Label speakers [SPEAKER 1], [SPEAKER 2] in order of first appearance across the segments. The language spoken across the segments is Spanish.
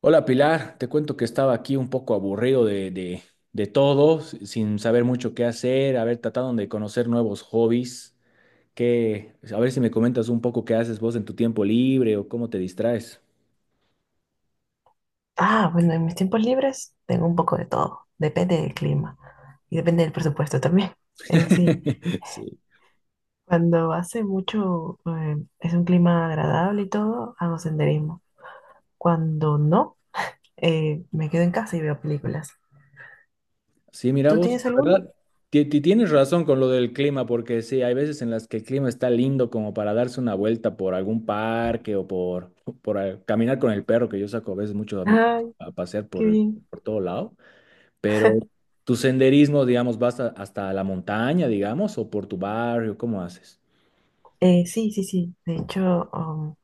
[SPEAKER 1] Hola Pilar, te cuento que estaba aquí un poco aburrido de todo, sin saber mucho qué hacer, a ver, tratando de conocer nuevos hobbies, que, a ver si me comentas un poco qué haces vos en tu tiempo libre o cómo te distraes.
[SPEAKER 2] Ah, bueno, en mis tiempos libres tengo un poco de todo. Depende del clima y depende del presupuesto también en sí.
[SPEAKER 1] Sí.
[SPEAKER 2] Cuando hace mucho, es un clima agradable y todo, hago senderismo. Cuando no, me quedo en casa y veo películas.
[SPEAKER 1] Sí, mira
[SPEAKER 2] ¿Tú
[SPEAKER 1] vos,
[SPEAKER 2] tienes
[SPEAKER 1] la
[SPEAKER 2] alguno?
[SPEAKER 1] verdad, tienes razón con lo del clima, porque sí, hay veces en las que el clima está lindo como para darse una vuelta por algún parque o por caminar con el perro, que yo saco a veces mucho a mi,
[SPEAKER 2] Ay,
[SPEAKER 1] a pasear
[SPEAKER 2] qué bien.
[SPEAKER 1] por todo lado. Pero tu senderismo, digamos, hasta la montaña, digamos, o por tu barrio, ¿cómo haces?
[SPEAKER 2] Sí, sí, sí. De hecho,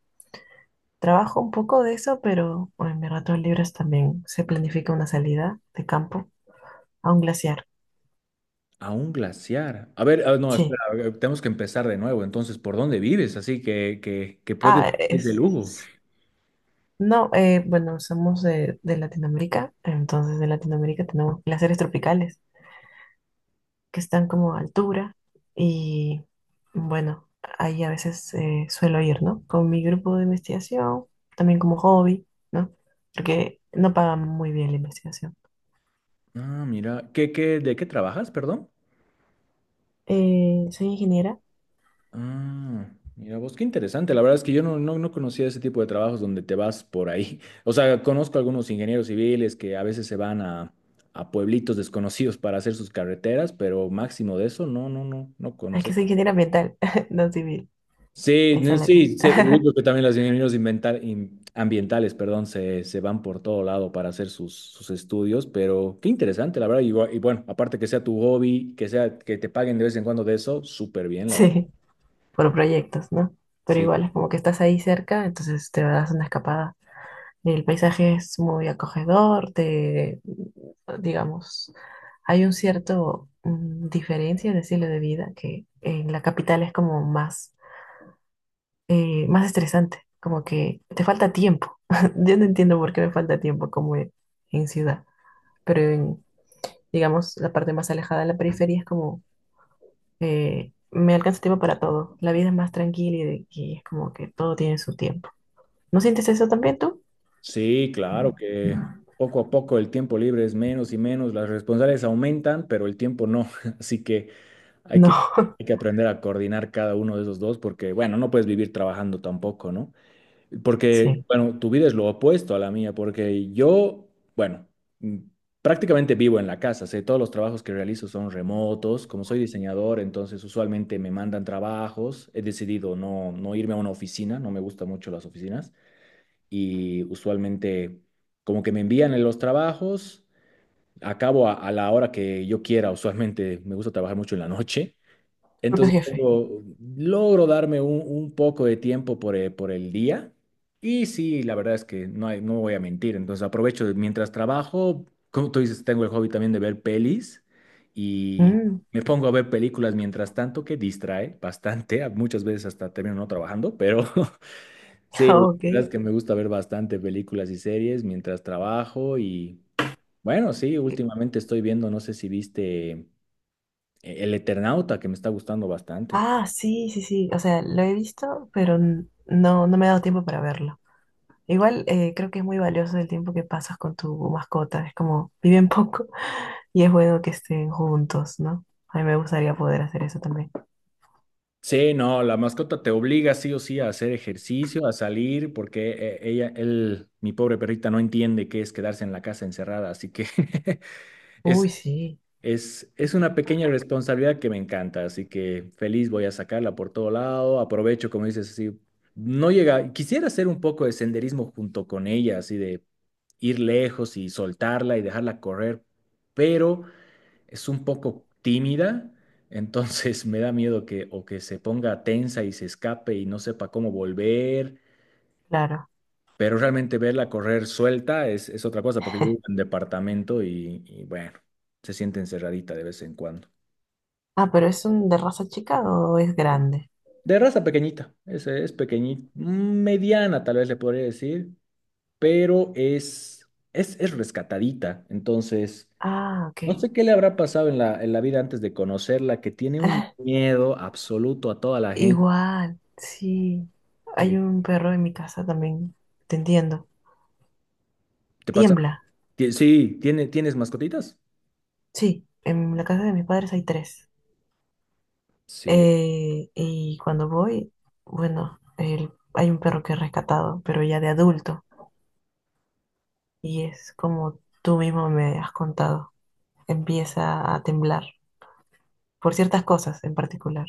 [SPEAKER 2] trabajo un poco de eso, pero bueno, en mis ratos libres también se planifica una salida de campo a un glaciar.
[SPEAKER 1] A un glaciar. A ver, ah, no, espera,
[SPEAKER 2] Sí.
[SPEAKER 1] a ver, tenemos que empezar de nuevo. Entonces, ¿por dónde vives? Así que, que puedes
[SPEAKER 2] Ah,
[SPEAKER 1] ir de
[SPEAKER 2] es...
[SPEAKER 1] lujo.
[SPEAKER 2] No, bueno, somos de Latinoamérica, entonces de Latinoamérica tenemos glaciares tropicales, que están como a altura, y bueno, ahí a veces suelo ir, ¿no? Con mi grupo de investigación, también como hobby, ¿no? Porque no pagan muy bien la investigación.
[SPEAKER 1] Ah, mira, ¿ de qué trabajas, perdón?
[SPEAKER 2] Soy ingeniera,
[SPEAKER 1] Ah, mira vos, qué interesante. La verdad es que yo no conocía ese tipo de trabajos donde te vas por ahí. O sea, conozco algunos ingenieros civiles que a veces se van a pueblitos desconocidos para hacer sus carreteras, pero máximo de eso, no
[SPEAKER 2] es que
[SPEAKER 1] conocí.
[SPEAKER 2] soy ingeniera ambiental, no civil,
[SPEAKER 1] Sí,
[SPEAKER 2] ahí
[SPEAKER 1] no,
[SPEAKER 2] está la
[SPEAKER 1] sí, sí, yo
[SPEAKER 2] cara.
[SPEAKER 1] creo que también los ambientales, perdón, se van por todo lado para hacer sus estudios, pero qué interesante, la verdad. Y, y bueno, aparte que sea tu hobby, que sea que te paguen de vez en cuando de eso, súper bien, la verdad.
[SPEAKER 2] Sí, por proyectos, ¿no? Pero
[SPEAKER 1] Sí,
[SPEAKER 2] igual es como que estás ahí cerca, entonces te das una escapada. El paisaje es muy acogedor, te, digamos, hay un cierto diferencia de estilo de vida que en la capital es como más, más estresante, como que te falta tiempo. Yo no entiendo por qué me falta tiempo como en ciudad, pero en, digamos, la parte más alejada de la periferia es como, me alcanza tiempo para todo. La vida es más tranquila y, y es como que todo tiene su tiempo. ¿No sientes eso también tú?
[SPEAKER 1] sí, claro que poco a poco el tiempo libre es menos y menos, las responsabilidades aumentan, pero el tiempo no. Así que hay
[SPEAKER 2] No,
[SPEAKER 1] que, hay que aprender a coordinar cada uno de esos dos, porque bueno, no puedes vivir trabajando tampoco, ¿no? Porque,
[SPEAKER 2] sí,
[SPEAKER 1] bueno, tu vida es lo opuesto a la mía, porque yo, bueno, mm, prácticamente vivo en la casa, sé, todos los trabajos que realizo son remotos, como soy diseñador, entonces usualmente me mandan trabajos, he decidido no irme a una oficina, no me gustan mucho las oficinas, y usualmente como que me envían en los trabajos, acabo a la hora que yo quiera, usualmente me gusta trabajar mucho en la noche,
[SPEAKER 2] propio
[SPEAKER 1] entonces
[SPEAKER 2] jefe.
[SPEAKER 1] tengo- logro darme un poco de tiempo por por el día. Y sí, la verdad es que no hay, no voy a mentir. Mientras trabajo, como tú dices, tengo el hobby también de ver pelis y
[SPEAKER 2] Mm,
[SPEAKER 1] me pongo a ver películas mientras tanto, que distrae bastante. Muchas veces hasta termino no trabajando, pero sí, la
[SPEAKER 2] ok.
[SPEAKER 1] verdad es que me gusta ver bastante películas y series mientras trabajo. Y bueno, sí, últimamente estoy viendo, no sé si viste El Eternauta, que me está gustando bastante.
[SPEAKER 2] Ah, sí, sí, sí. O sea, lo he visto, pero no, no me he dado tiempo para verlo. Igual creo que es muy valioso el tiempo que pasas con tu mascota. Es como viven poco y es bueno que estén juntos, ¿no? A mí me gustaría poder hacer eso también.
[SPEAKER 1] Sí, no, la mascota te obliga sí o sí a hacer ejercicio, a salir, porque ella, él, mi pobre perrita, no entiende qué es quedarse en la casa encerrada, así que es,
[SPEAKER 2] Uy, sí,
[SPEAKER 1] es una pequeña responsabilidad que me encanta, así que feliz voy a sacarla por todo lado, aprovecho, como dices, así, no llega, quisiera hacer un poco de senderismo junto con ella, así de ir lejos y soltarla y dejarla correr, pero es un poco tímida, entonces me da miedo que o que se ponga tensa y se escape y no sepa cómo volver,
[SPEAKER 2] claro.
[SPEAKER 1] pero realmente verla correr suelta es otra cosa, porque yo vivo en departamento y bueno, se siente encerradita de vez en cuando.
[SPEAKER 2] Ah, pero ¿es un de raza chica o es grande?
[SPEAKER 1] De raza pequeñita, es pequeñita, mediana tal vez le podría decir, pero es rescatadita, entonces...
[SPEAKER 2] Ah, ok.
[SPEAKER 1] No sé qué le habrá pasado en en la vida antes de conocerla, que tiene un miedo absoluto a toda la gente
[SPEAKER 2] Igual, sí. Hay
[SPEAKER 1] que
[SPEAKER 2] un perro en mi casa también. Te entiendo.
[SPEAKER 1] ¿Te pasa?
[SPEAKER 2] Tiembla.
[SPEAKER 1] Sí, ¿tienes mascotitas?
[SPEAKER 2] Sí, en la casa de mis padres hay tres.
[SPEAKER 1] Sí.
[SPEAKER 2] Y cuando voy, bueno, hay un perro que he rescatado, pero ya de adulto. Y es como tú mismo me has contado. Empieza a temblar por ciertas cosas en particular.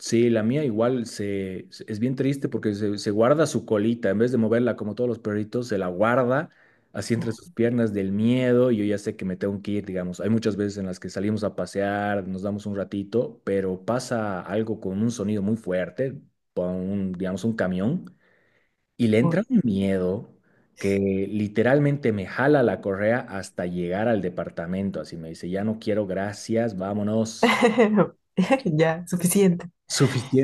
[SPEAKER 1] Sí, la mía igual es bien triste porque se guarda su colita, en vez de moverla como todos los perritos, se la guarda así entre sus piernas del miedo y yo ya sé que me tengo que ir, digamos. Hay muchas veces en las que salimos a pasear, nos damos un ratito, pero pasa algo con un sonido muy fuerte, con un, digamos, un camión. Y le
[SPEAKER 2] Uy,
[SPEAKER 1] entra un miedo que literalmente me jala la correa hasta llegar al departamento. Así me dice, ya no quiero, gracias, vámonos.
[SPEAKER 2] ya, suficiente.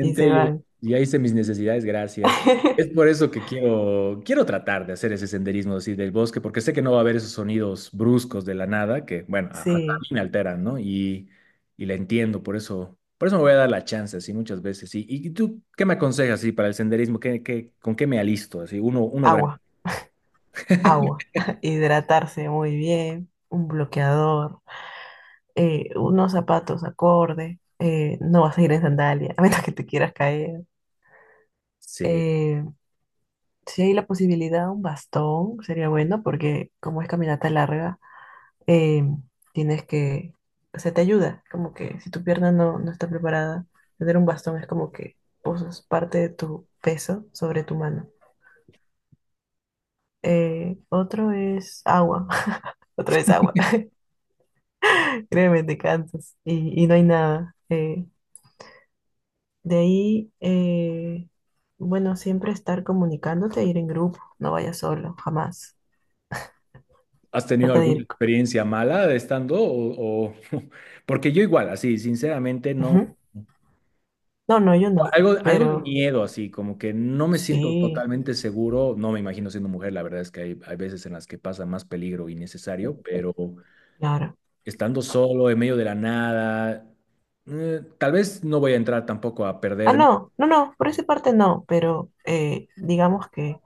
[SPEAKER 2] Y se
[SPEAKER 1] yo
[SPEAKER 2] van.
[SPEAKER 1] ya hice mis necesidades, gracias. Es por eso que quiero tratar de hacer ese senderismo así del bosque, porque sé que no va a haber esos sonidos bruscos de la nada que, bueno, a mí
[SPEAKER 2] Sí,
[SPEAKER 1] me alteran, ¿no? Y la entiendo, por eso me voy a dar la chance así muchas veces. Y tú qué me aconsejas así para el senderismo? ¿ Con qué me alisto? Así, uno, uno grande.
[SPEAKER 2] agua, agua. Hidratarse muy bien, un bloqueador. Unos zapatos acorde, no vas a ir en sandalia, a menos que te quieras caer.
[SPEAKER 1] Sí.
[SPEAKER 2] Eh, si hay la posibilidad, un bastón sería bueno porque como es caminata larga, eh, tienes que, o sea, te ayuda, como que si tu pierna no, no está preparada, tener un bastón es como que posas parte de tu peso sobre tu mano. Otro es agua, otro es agua, créeme, te cansas y no hay nada. De ahí, bueno, siempre estar comunicándote, ir en grupo, no vayas solo, jamás.
[SPEAKER 1] ¿Has tenido
[SPEAKER 2] Trata de
[SPEAKER 1] alguna
[SPEAKER 2] ir.
[SPEAKER 1] experiencia mala de estando? Porque yo igual, así, sinceramente, no.
[SPEAKER 2] Ujú. No, no, yo no,
[SPEAKER 1] Algo de
[SPEAKER 2] pero
[SPEAKER 1] miedo, así, como que no me siento
[SPEAKER 2] sí,
[SPEAKER 1] totalmente seguro. No me imagino siendo mujer, la verdad es que hay veces en las que pasa más peligro innecesario, pero
[SPEAKER 2] claro.
[SPEAKER 1] estando solo, en medio de la nada, tal vez no voy a entrar tampoco a
[SPEAKER 2] Ah,
[SPEAKER 1] perderme.
[SPEAKER 2] no, no, no, por esa parte no, pero digamos que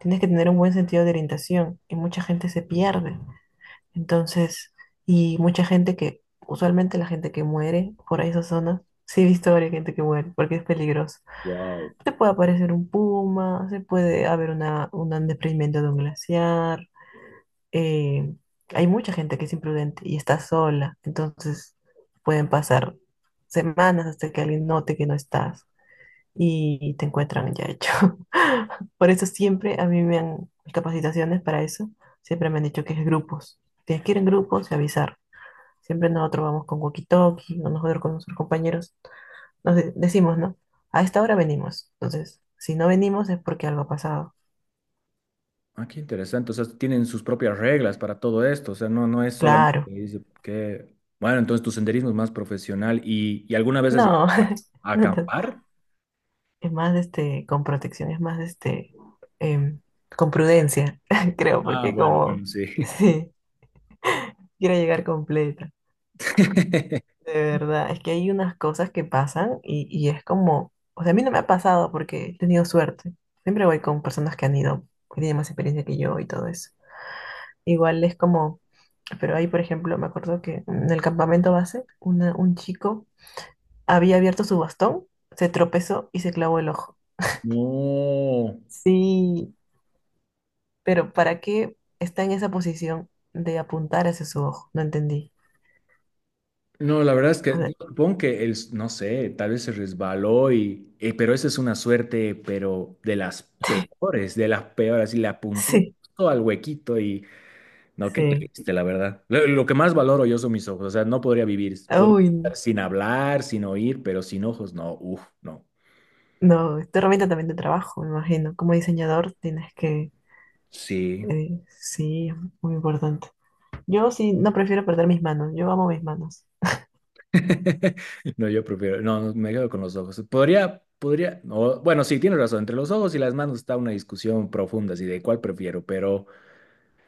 [SPEAKER 2] tienes que tener un buen sentido de orientación y mucha gente se pierde. Entonces, y mucha gente que, usualmente la gente que muere por esas zonas, sí he visto varias gente que muere porque es peligroso.
[SPEAKER 1] Wow.
[SPEAKER 2] Se puede aparecer un puma, se puede haber una, un desprendimiento de un glaciar. eh, Hay mucha gente que es imprudente y está sola, entonces pueden pasar semanas hasta que alguien note que no estás y te encuentran ya hecho. Por eso siempre a mí me han, mis capacitaciones para eso, siempre me han dicho que es grupos. Tienes que ir en grupos y avisar. Siempre nosotros vamos con walkie-talkie, o nosotros con nuestros compañeros nos decimos, ¿no? A esta hora venimos. Entonces, si no venimos es porque algo ha pasado.
[SPEAKER 1] Ah, qué interesante. O sea, tienen sus propias reglas para todo esto. O sea, no es solamente que
[SPEAKER 2] Claro.
[SPEAKER 1] dice que. Bueno, entonces tu senderismo es más profesional. Y alguna vez has llegado
[SPEAKER 2] No,
[SPEAKER 1] a
[SPEAKER 2] no tanto.
[SPEAKER 1] acampar?
[SPEAKER 2] Es más, este, con protección, es más, este, em, con prudencia, creo,
[SPEAKER 1] Ah,
[SPEAKER 2] porque
[SPEAKER 1] bueno, bueno,
[SPEAKER 2] como,
[SPEAKER 1] sí.
[SPEAKER 2] sí, quiero llegar completa. De verdad, es que hay unas cosas que pasan y es como, o sea, a mí no me ha pasado porque he tenido suerte. Siempre voy con personas que han ido, que tienen más experiencia que yo y todo eso. Igual es como. Pero ahí, por ejemplo, me acuerdo que en el campamento base, un chico había abierto su bastón, se tropezó y se clavó el ojo.
[SPEAKER 1] No,
[SPEAKER 2] Sí, pero ¿para qué está en esa posición de apuntar hacia su ojo? No entendí.
[SPEAKER 1] no, la verdad es que
[SPEAKER 2] O
[SPEAKER 1] yo
[SPEAKER 2] sea,
[SPEAKER 1] supongo que el, no sé, tal vez se resbaló y, pero esa es una suerte, pero de las peores, y le apuntó
[SPEAKER 2] sí,
[SPEAKER 1] justo al huequito. No, qué
[SPEAKER 2] sí.
[SPEAKER 1] triste, la verdad. Lo que más valoro yo son mis ojos. O sea, no podría vivir. Podría
[SPEAKER 2] Uy,
[SPEAKER 1] estar sin hablar, sin oír, pero sin ojos, no. Uf, no.
[SPEAKER 2] no, esta herramienta también de trabajo, me imagino. Como diseñador tienes que...
[SPEAKER 1] Sí.
[SPEAKER 2] sí, es muy importante. Yo sí, no prefiero perder mis manos, yo amo mis manos.
[SPEAKER 1] No, yo prefiero. No, me quedo con los ojos. Podría. No, bueno, sí, tienes razón. Entre los ojos y las manos está una discusión profunda, así de cuál prefiero, pero.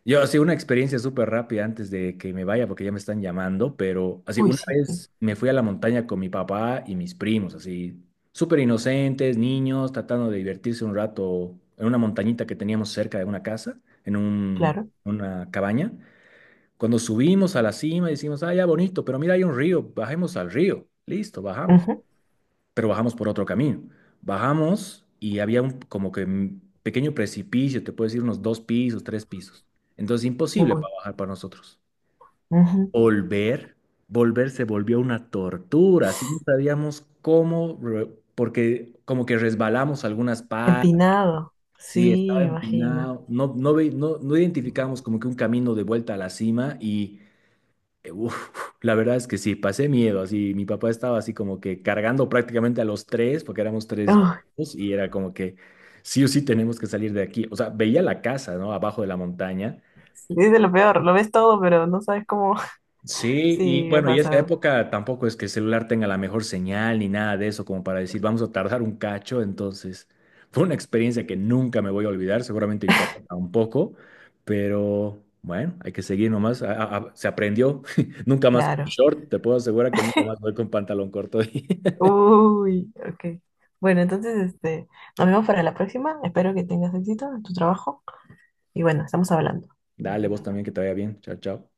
[SPEAKER 1] Yo así una experiencia súper rápida antes de que me vaya porque ya me están llamando, pero así
[SPEAKER 2] Uy,
[SPEAKER 1] una
[SPEAKER 2] sí,
[SPEAKER 1] vez me fui a la montaña con mi papá y mis primos, así súper inocentes, niños, tratando de divertirse un rato en una montañita que teníamos cerca de una casa, en
[SPEAKER 2] claro.
[SPEAKER 1] una cabaña. Cuando subimos a la cima decimos, ah, ya bonito, pero mira, hay un río, bajemos al río. Listo, bajamos
[SPEAKER 2] Ujú,
[SPEAKER 1] pero bajamos por otro camino. Bajamos y había un como que un pequeño precipicio, te puedes ir unos dos pisos, tres pisos. Entonces imposible
[SPEAKER 2] uy,
[SPEAKER 1] para bajar para nosotros.
[SPEAKER 2] ujú.
[SPEAKER 1] Volver, Volver se volvió una tortura, así no sabíamos cómo, porque como que resbalamos algunas partes,
[SPEAKER 2] Empinado,
[SPEAKER 1] sí,
[SPEAKER 2] sí,
[SPEAKER 1] estaba
[SPEAKER 2] me imagino.
[SPEAKER 1] empinado, no identificamos como que un camino de vuelta a la cima y eh, uf, la verdad es que sí, pasé miedo, así mi papá estaba así como que cargando prácticamente a los tres, porque éramos tres
[SPEAKER 2] Uy,
[SPEAKER 1] hijos, y era como que sí o sí tenemos que salir de aquí, o sea, veía la casa, ¿no? Abajo de la montaña.
[SPEAKER 2] sí, es de lo peor, lo ves todo, pero no sabes cómo.
[SPEAKER 1] Sí,
[SPEAKER 2] Sí,
[SPEAKER 1] y
[SPEAKER 2] me ha
[SPEAKER 1] bueno, y esa
[SPEAKER 2] pasado,
[SPEAKER 1] época tampoco es que el celular tenga la mejor señal ni nada de eso, como para decir, vamos a tardar un cacho, entonces fue una experiencia que nunca me voy a olvidar, seguramente mi papá tampoco, pero bueno, hay que seguir nomás, se aprendió, nunca más con
[SPEAKER 2] claro.
[SPEAKER 1] short, te puedo asegurar que nunca más voy con pantalón corto.
[SPEAKER 2] Uy, ok. Bueno, entonces, este, nos vemos para la próxima. Espero que tengas éxito en tu trabajo. Y bueno, estamos hablando.
[SPEAKER 1] Dale, vos también, que te vaya bien, chao, chao.